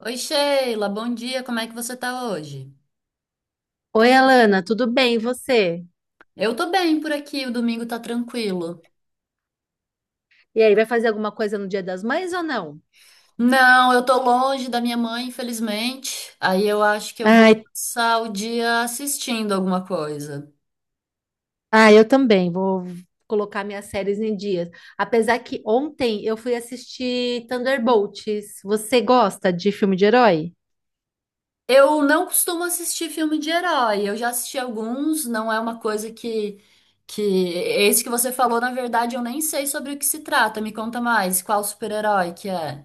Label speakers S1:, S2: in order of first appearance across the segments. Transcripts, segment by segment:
S1: Oi, Sheila, bom dia, como é que você tá hoje?
S2: Oi, Alana, tudo bem? E você?
S1: Eu tô bem por aqui, o domingo tá tranquilo.
S2: E aí, vai fazer alguma coisa no Dia das Mães ou não?
S1: Não, eu tô longe da minha mãe, infelizmente. Aí eu acho que eu vou
S2: Ai,
S1: passar o dia assistindo alguma coisa.
S2: ah, eu também vou. Colocar minhas séries em dias. Apesar que ontem eu fui assistir Thunderbolts. Você gosta de filme de herói?
S1: Eu não costumo assistir filme de herói, eu já assisti alguns, não é uma coisa que esse que você falou, na verdade, eu nem sei sobre o que se trata. Me conta mais, qual super-herói que é?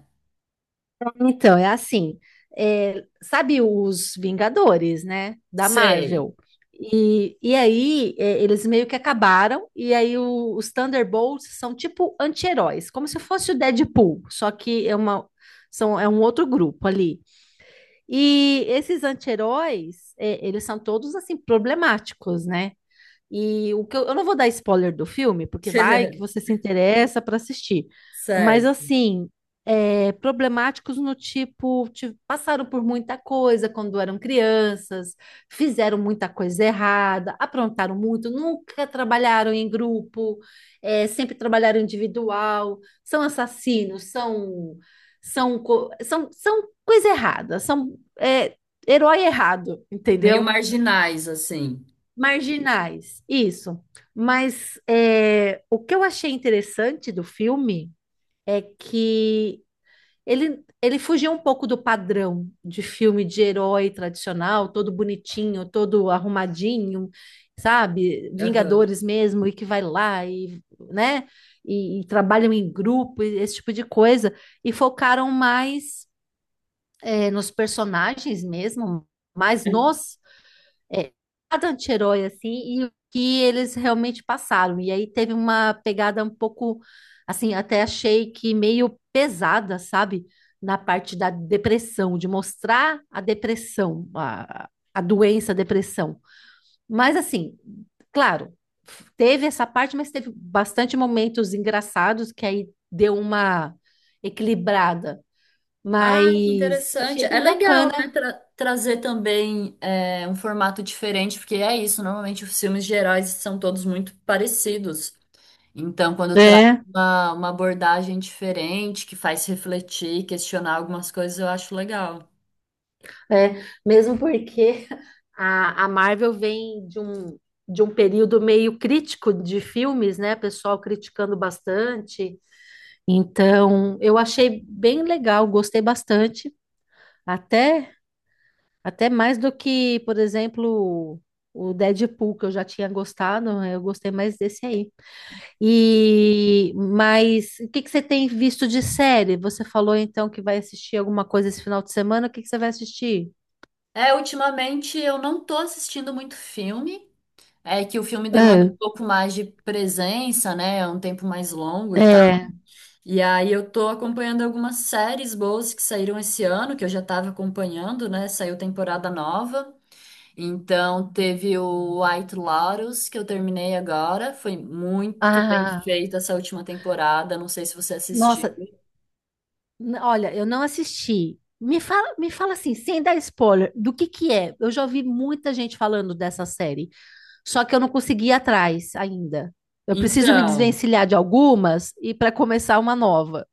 S2: Então, é assim, sabe os Vingadores, né, da
S1: Sei.
S2: Marvel? E aí eles meio que acabaram, e aí os Thunderbolts são tipo anti-heróis, como se fosse o Deadpool, só que é um outro grupo ali. E esses anti-heróis, eles são todos assim problemáticos, né? E o que eu não vou dar spoiler do filme, porque vai que você se interessa para assistir. Mas
S1: Certo.
S2: assim, problemáticos no tipo, passaram por muita coisa quando eram crianças, fizeram muita coisa errada, aprontaram muito, nunca trabalharam em grupo, sempre trabalharam individual, são assassinos, são coisa errada, são herói errado,
S1: Meio
S2: entendeu?
S1: marginais, assim.
S2: Marginais, isso. Mas o que eu achei interessante do filme é que ele fugiu um pouco do padrão de filme de herói tradicional, todo bonitinho, todo arrumadinho, sabe?
S1: Aham.
S2: Vingadores mesmo, e que vai lá e, né? E trabalham em grupo, e esse tipo de coisa. E focaram mais, nos personagens mesmo, mais nos é, cada anti-herói, assim, e o que eles realmente passaram. E aí teve uma pegada um pouco, assim, até achei que meio pesada, sabe? Na parte da depressão, de mostrar a depressão, a doença, a depressão. Mas, assim, claro, teve essa parte, mas teve bastante momentos engraçados que aí deu uma equilibrada.
S1: Ah, que
S2: Mas
S1: interessante.
S2: achei
S1: É
S2: bem
S1: legal,
S2: bacana.
S1: né? Trazer também, é, um formato diferente, porque é isso. Normalmente os filmes gerais são todos muito parecidos. Então, quando traz
S2: É,
S1: uma abordagem diferente, que faz refletir, questionar algumas coisas, eu acho legal.
S2: mesmo porque A Marvel vem de um, período meio crítico de filmes, né? Pessoal criticando bastante. Então, eu achei bem legal, gostei bastante. Até, até mais do que, por exemplo, o Deadpool, que eu já tinha gostado, né? Eu gostei mais desse aí. Mas o que que você tem visto de série? Você falou então que vai assistir alguma coisa esse final de semana, o que que você vai assistir?
S1: É, ultimamente eu não tô assistindo muito filme. É que o filme demanda
S2: É,
S1: um pouco mais de presença, né? É um tempo mais longo e tal.
S2: é.
S1: E aí eu tô acompanhando algumas séries boas que saíram esse ano, que eu já tava acompanhando, né? Saiu temporada nova. Então teve o White Lotus, que eu terminei agora. Foi muito bem
S2: Ah,
S1: feita essa última temporada. Não sei se você assistiu.
S2: nossa, olha, eu não assisti. Me fala assim, sem dar spoiler, do que é? Eu já ouvi muita gente falando dessa série, só que eu não consegui ir atrás ainda. Eu preciso me
S1: Então,
S2: desvencilhar de algumas e para começar uma nova.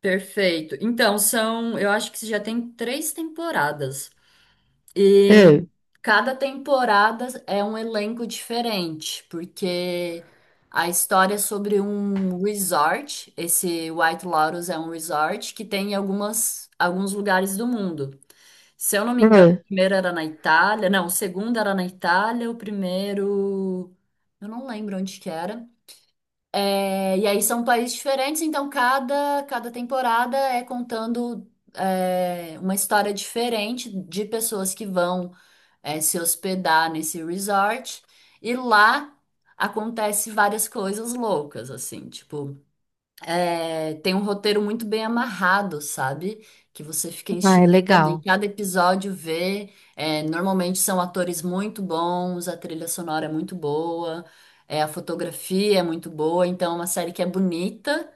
S1: perfeito. Então, são, eu acho que já tem três temporadas. E
S2: É,
S1: cada temporada é um elenco diferente, porque a história é sobre um resort, esse White Lotus é um resort que tem em algumas, alguns lugares do mundo. Se eu não me engano, o
S2: é.
S1: primeiro era na Itália, não, o segundo era na Itália, o primeiro, eu não lembro onde que era. É, e aí são países diferentes, então cada temporada é contando é, uma história diferente de pessoas que vão é, se hospedar nesse resort. E lá acontece várias coisas loucas, assim, tipo, é, tem um roteiro muito bem amarrado, sabe? Que você fica
S2: Ah, é
S1: instigado em
S2: legal.
S1: cada episódio vê. É, normalmente são atores muito bons, a trilha sonora é muito boa, é, a fotografia é muito boa, então é uma série que é bonita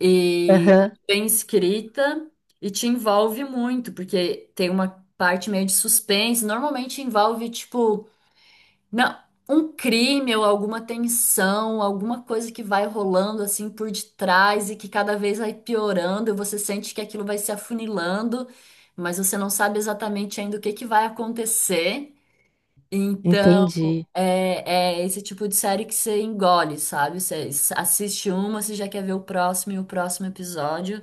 S1: e
S2: Aham,
S1: bem escrita e te envolve muito, porque tem uma parte meio de suspense, normalmente envolve, tipo, não, um crime ou alguma tensão, alguma coisa que vai rolando assim por detrás e que cada vez vai piorando, e você sente que aquilo vai se afunilando, mas você não sabe exatamente ainda o que que vai acontecer. Então,
S2: entendi.
S1: é é esse tipo de série que você engole, sabe? Assiste uma, você já quer ver o próximo e o próximo episódio,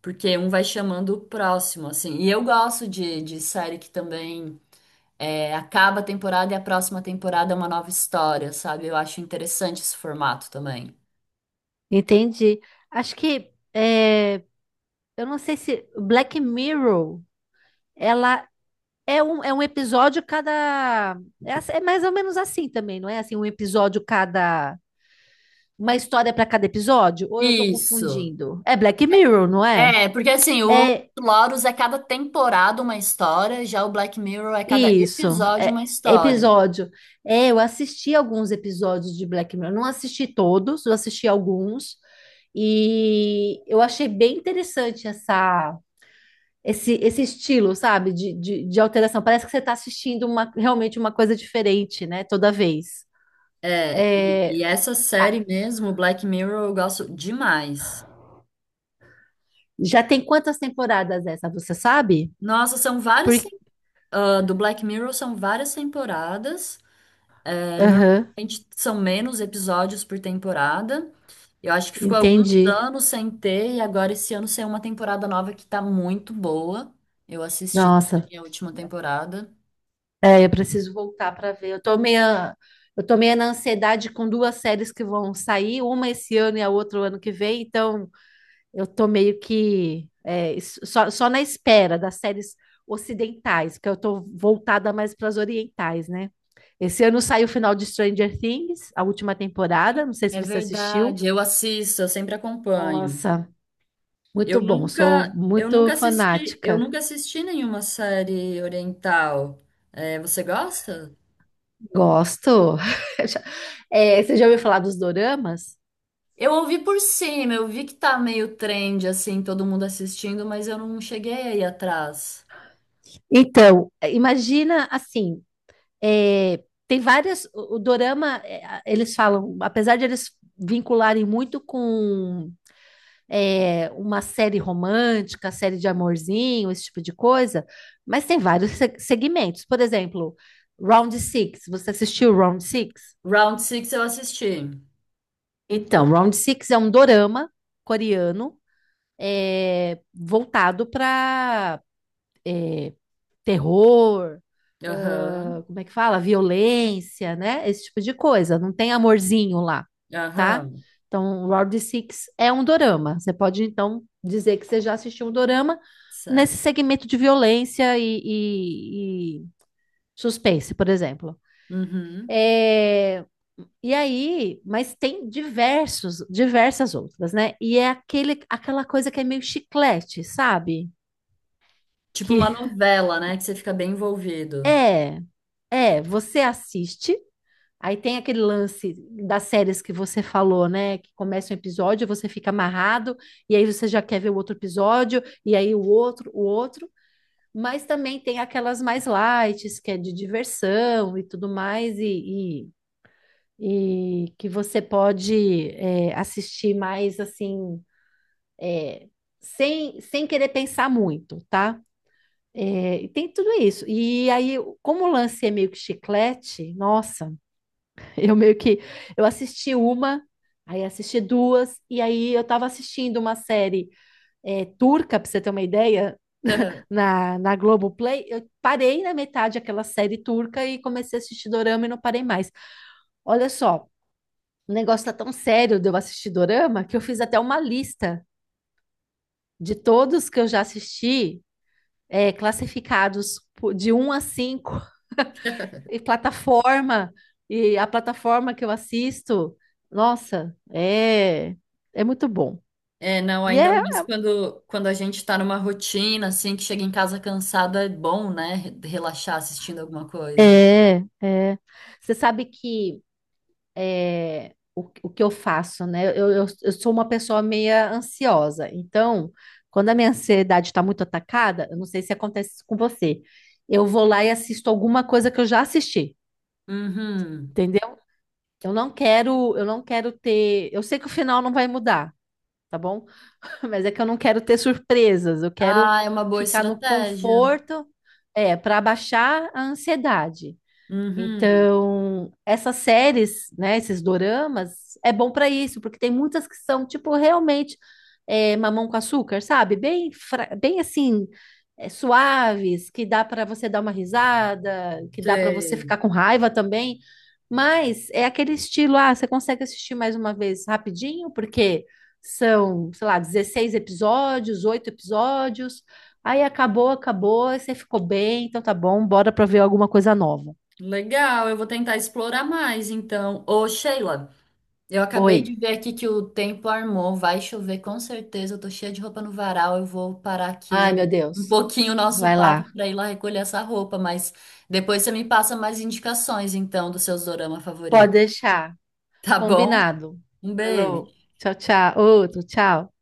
S1: porque um vai chamando o próximo, assim. E eu gosto de série que também. É, acaba a temporada e a próxima temporada é uma nova história, sabe? Eu acho interessante esse formato também.
S2: Entendi. Acho que eu não sei se Black Mirror, ela é um episódio cada. É mais ou menos assim também, não é? Assim, um episódio cada. Uma história para cada episódio? Ou eu tô
S1: Isso.
S2: confundindo? É Black Mirror, não é?
S1: É, porque assim, o
S2: É
S1: Lotus é cada temporada uma história, já o Black Mirror é cada
S2: isso.
S1: episódio
S2: É
S1: uma história.
S2: episódio. Eu assisti alguns episódios de Black Mirror. Não assisti todos, eu assisti alguns. E eu achei bem interessante esse estilo, sabe, de alteração. Parece que você está assistindo realmente uma coisa diferente, né, toda vez.
S1: E
S2: É,
S1: essa
S2: a-
S1: série mesmo, o Black Mirror, eu gosto demais.
S2: Já tem quantas temporadas essa, você sabe?
S1: Nossa, são
S2: Por.
S1: várias. Ah, do Black Mirror são várias temporadas. É,
S2: Aham,
S1: normalmente são menos episódios por temporada. Eu acho que ficou alguns
S2: entendi.
S1: anos sem ter, e agora esse ano saiu uma temporada nova que tá muito boa. Eu assisti
S2: Nossa,
S1: também a última temporada.
S2: Eu preciso voltar para ver. Eu tô meio na ansiedade com duas séries que vão sair, uma esse ano e a outra o ano que vem, então eu tô meio que só na espera das séries ocidentais, porque eu tô voltada mais para as orientais, né? Esse ano saiu o final de Stranger Things, a última temporada, não sei se
S1: É
S2: você assistiu.
S1: verdade, eu assisto, eu sempre acompanho.
S2: Nossa,
S1: Eu
S2: muito bom, sou
S1: nunca, eu
S2: muito
S1: nunca assisti, eu
S2: fanática.
S1: nunca assisti nenhuma série oriental. É, você gosta?
S2: Gosto. Você já ouviu falar dos doramas?
S1: Eu ouvi por cima, eu vi que tá meio trend assim, todo mundo assistindo, mas eu não cheguei aí atrás.
S2: Então, imagina assim, tem várias. O dorama, eles falam, apesar de eles vincularem muito com uma série romântica, série de amorzinho, esse tipo de coisa, mas tem vários segmentos. Por exemplo, Round Six. Você assistiu Round Six?
S1: Round Six eu assisti.
S2: Então, Round Six é um dorama coreano voltado para terror,
S1: Aham,
S2: ah, como é que fala? Violência, né? Esse tipo de coisa. Não tem amorzinho lá, tá?
S1: aham,
S2: Então, Round Six é um dorama. Você pode, então, dizer que você já assistiu um dorama nesse
S1: certo.
S2: segmento de violência e suspense, por exemplo.
S1: Uhum.
S2: É, E aí, mas tem diversas outras, né? E é aquela coisa que é meio chiclete, sabe?
S1: Tipo
S2: Que
S1: uma novela, né? Que você fica bem envolvido.
S2: é, você assiste. Aí tem aquele lance das séries que você falou, né? Que começa um episódio, você fica amarrado, e aí você já quer ver o outro episódio, e aí o outro, o outro. Mas também tem aquelas mais light, que é de diversão e tudo mais, e que você pode assistir mais assim, é, sem querer pensar muito, tá? E tem tudo isso. E aí, como o lance é meio que chiclete, nossa. Eu meio que eu assisti uma, aí assisti duas, e aí eu tava assistindo uma série turca, pra você ter uma ideia, na Globoplay. Eu parei na metade aquela série turca e comecei a assistir Dorama e não parei mais. Olha só, o negócio tá tão sério de eu assistir Dorama que eu fiz até uma lista de todos que eu já assisti, classificados de 1 a 5, E plataforma, e a plataforma que eu assisto, nossa, é muito bom.
S1: É, não,
S2: E
S1: ainda
S2: é,
S1: mais quando a gente tá numa rotina, assim, que chega em casa cansado, é bom, né? Relaxar assistindo alguma coisa.
S2: é, é. Você sabe que é, o que eu faço, né? Eu sou uma pessoa meia ansiosa, então, quando a minha ansiedade está muito atacada, eu não sei se acontece isso com você, eu vou lá e assisto alguma coisa que eu já assisti,
S1: Uhum.
S2: entendeu? Eu não quero ter, eu sei que o final não vai mudar, tá bom? Mas é que eu não quero ter surpresas, eu quero
S1: Ah, é uma boa
S2: ficar no
S1: estratégia.
S2: conforto, para abaixar a ansiedade.
S1: Uhum.
S2: Então, essas séries, né, esses doramas, é bom para isso, porque tem muitas que são, tipo, realmente mamão com açúcar, sabe? Bem, bem assim, suaves, que dá para você dar uma risada, que dá para você
S1: Sei.
S2: ficar com raiva também. Mas é aquele estilo, ah, você consegue assistir mais uma vez rapidinho, porque são, sei lá, 16 episódios, 8 episódios. Aí acabou, acabou, aí você ficou bem, então tá bom, bora para ver alguma coisa nova.
S1: Legal, eu vou tentar explorar mais, então. Ô, Sheila. Eu
S2: Oi.
S1: acabei de ver aqui que o tempo armou, vai chover com certeza. Eu tô cheia de roupa no varal, eu vou parar aqui
S2: Ai, meu
S1: um
S2: Deus.
S1: pouquinho o nosso
S2: Vai
S1: papo
S2: lá.
S1: para ir lá recolher essa roupa, mas depois você me passa mais indicações então dos seus dorama
S2: Pode
S1: favoritos.
S2: deixar.
S1: Tá bom?
S2: Combinado.
S1: Um
S2: Falou.
S1: beijo.
S2: Tchau, tchau. Outro, tchau.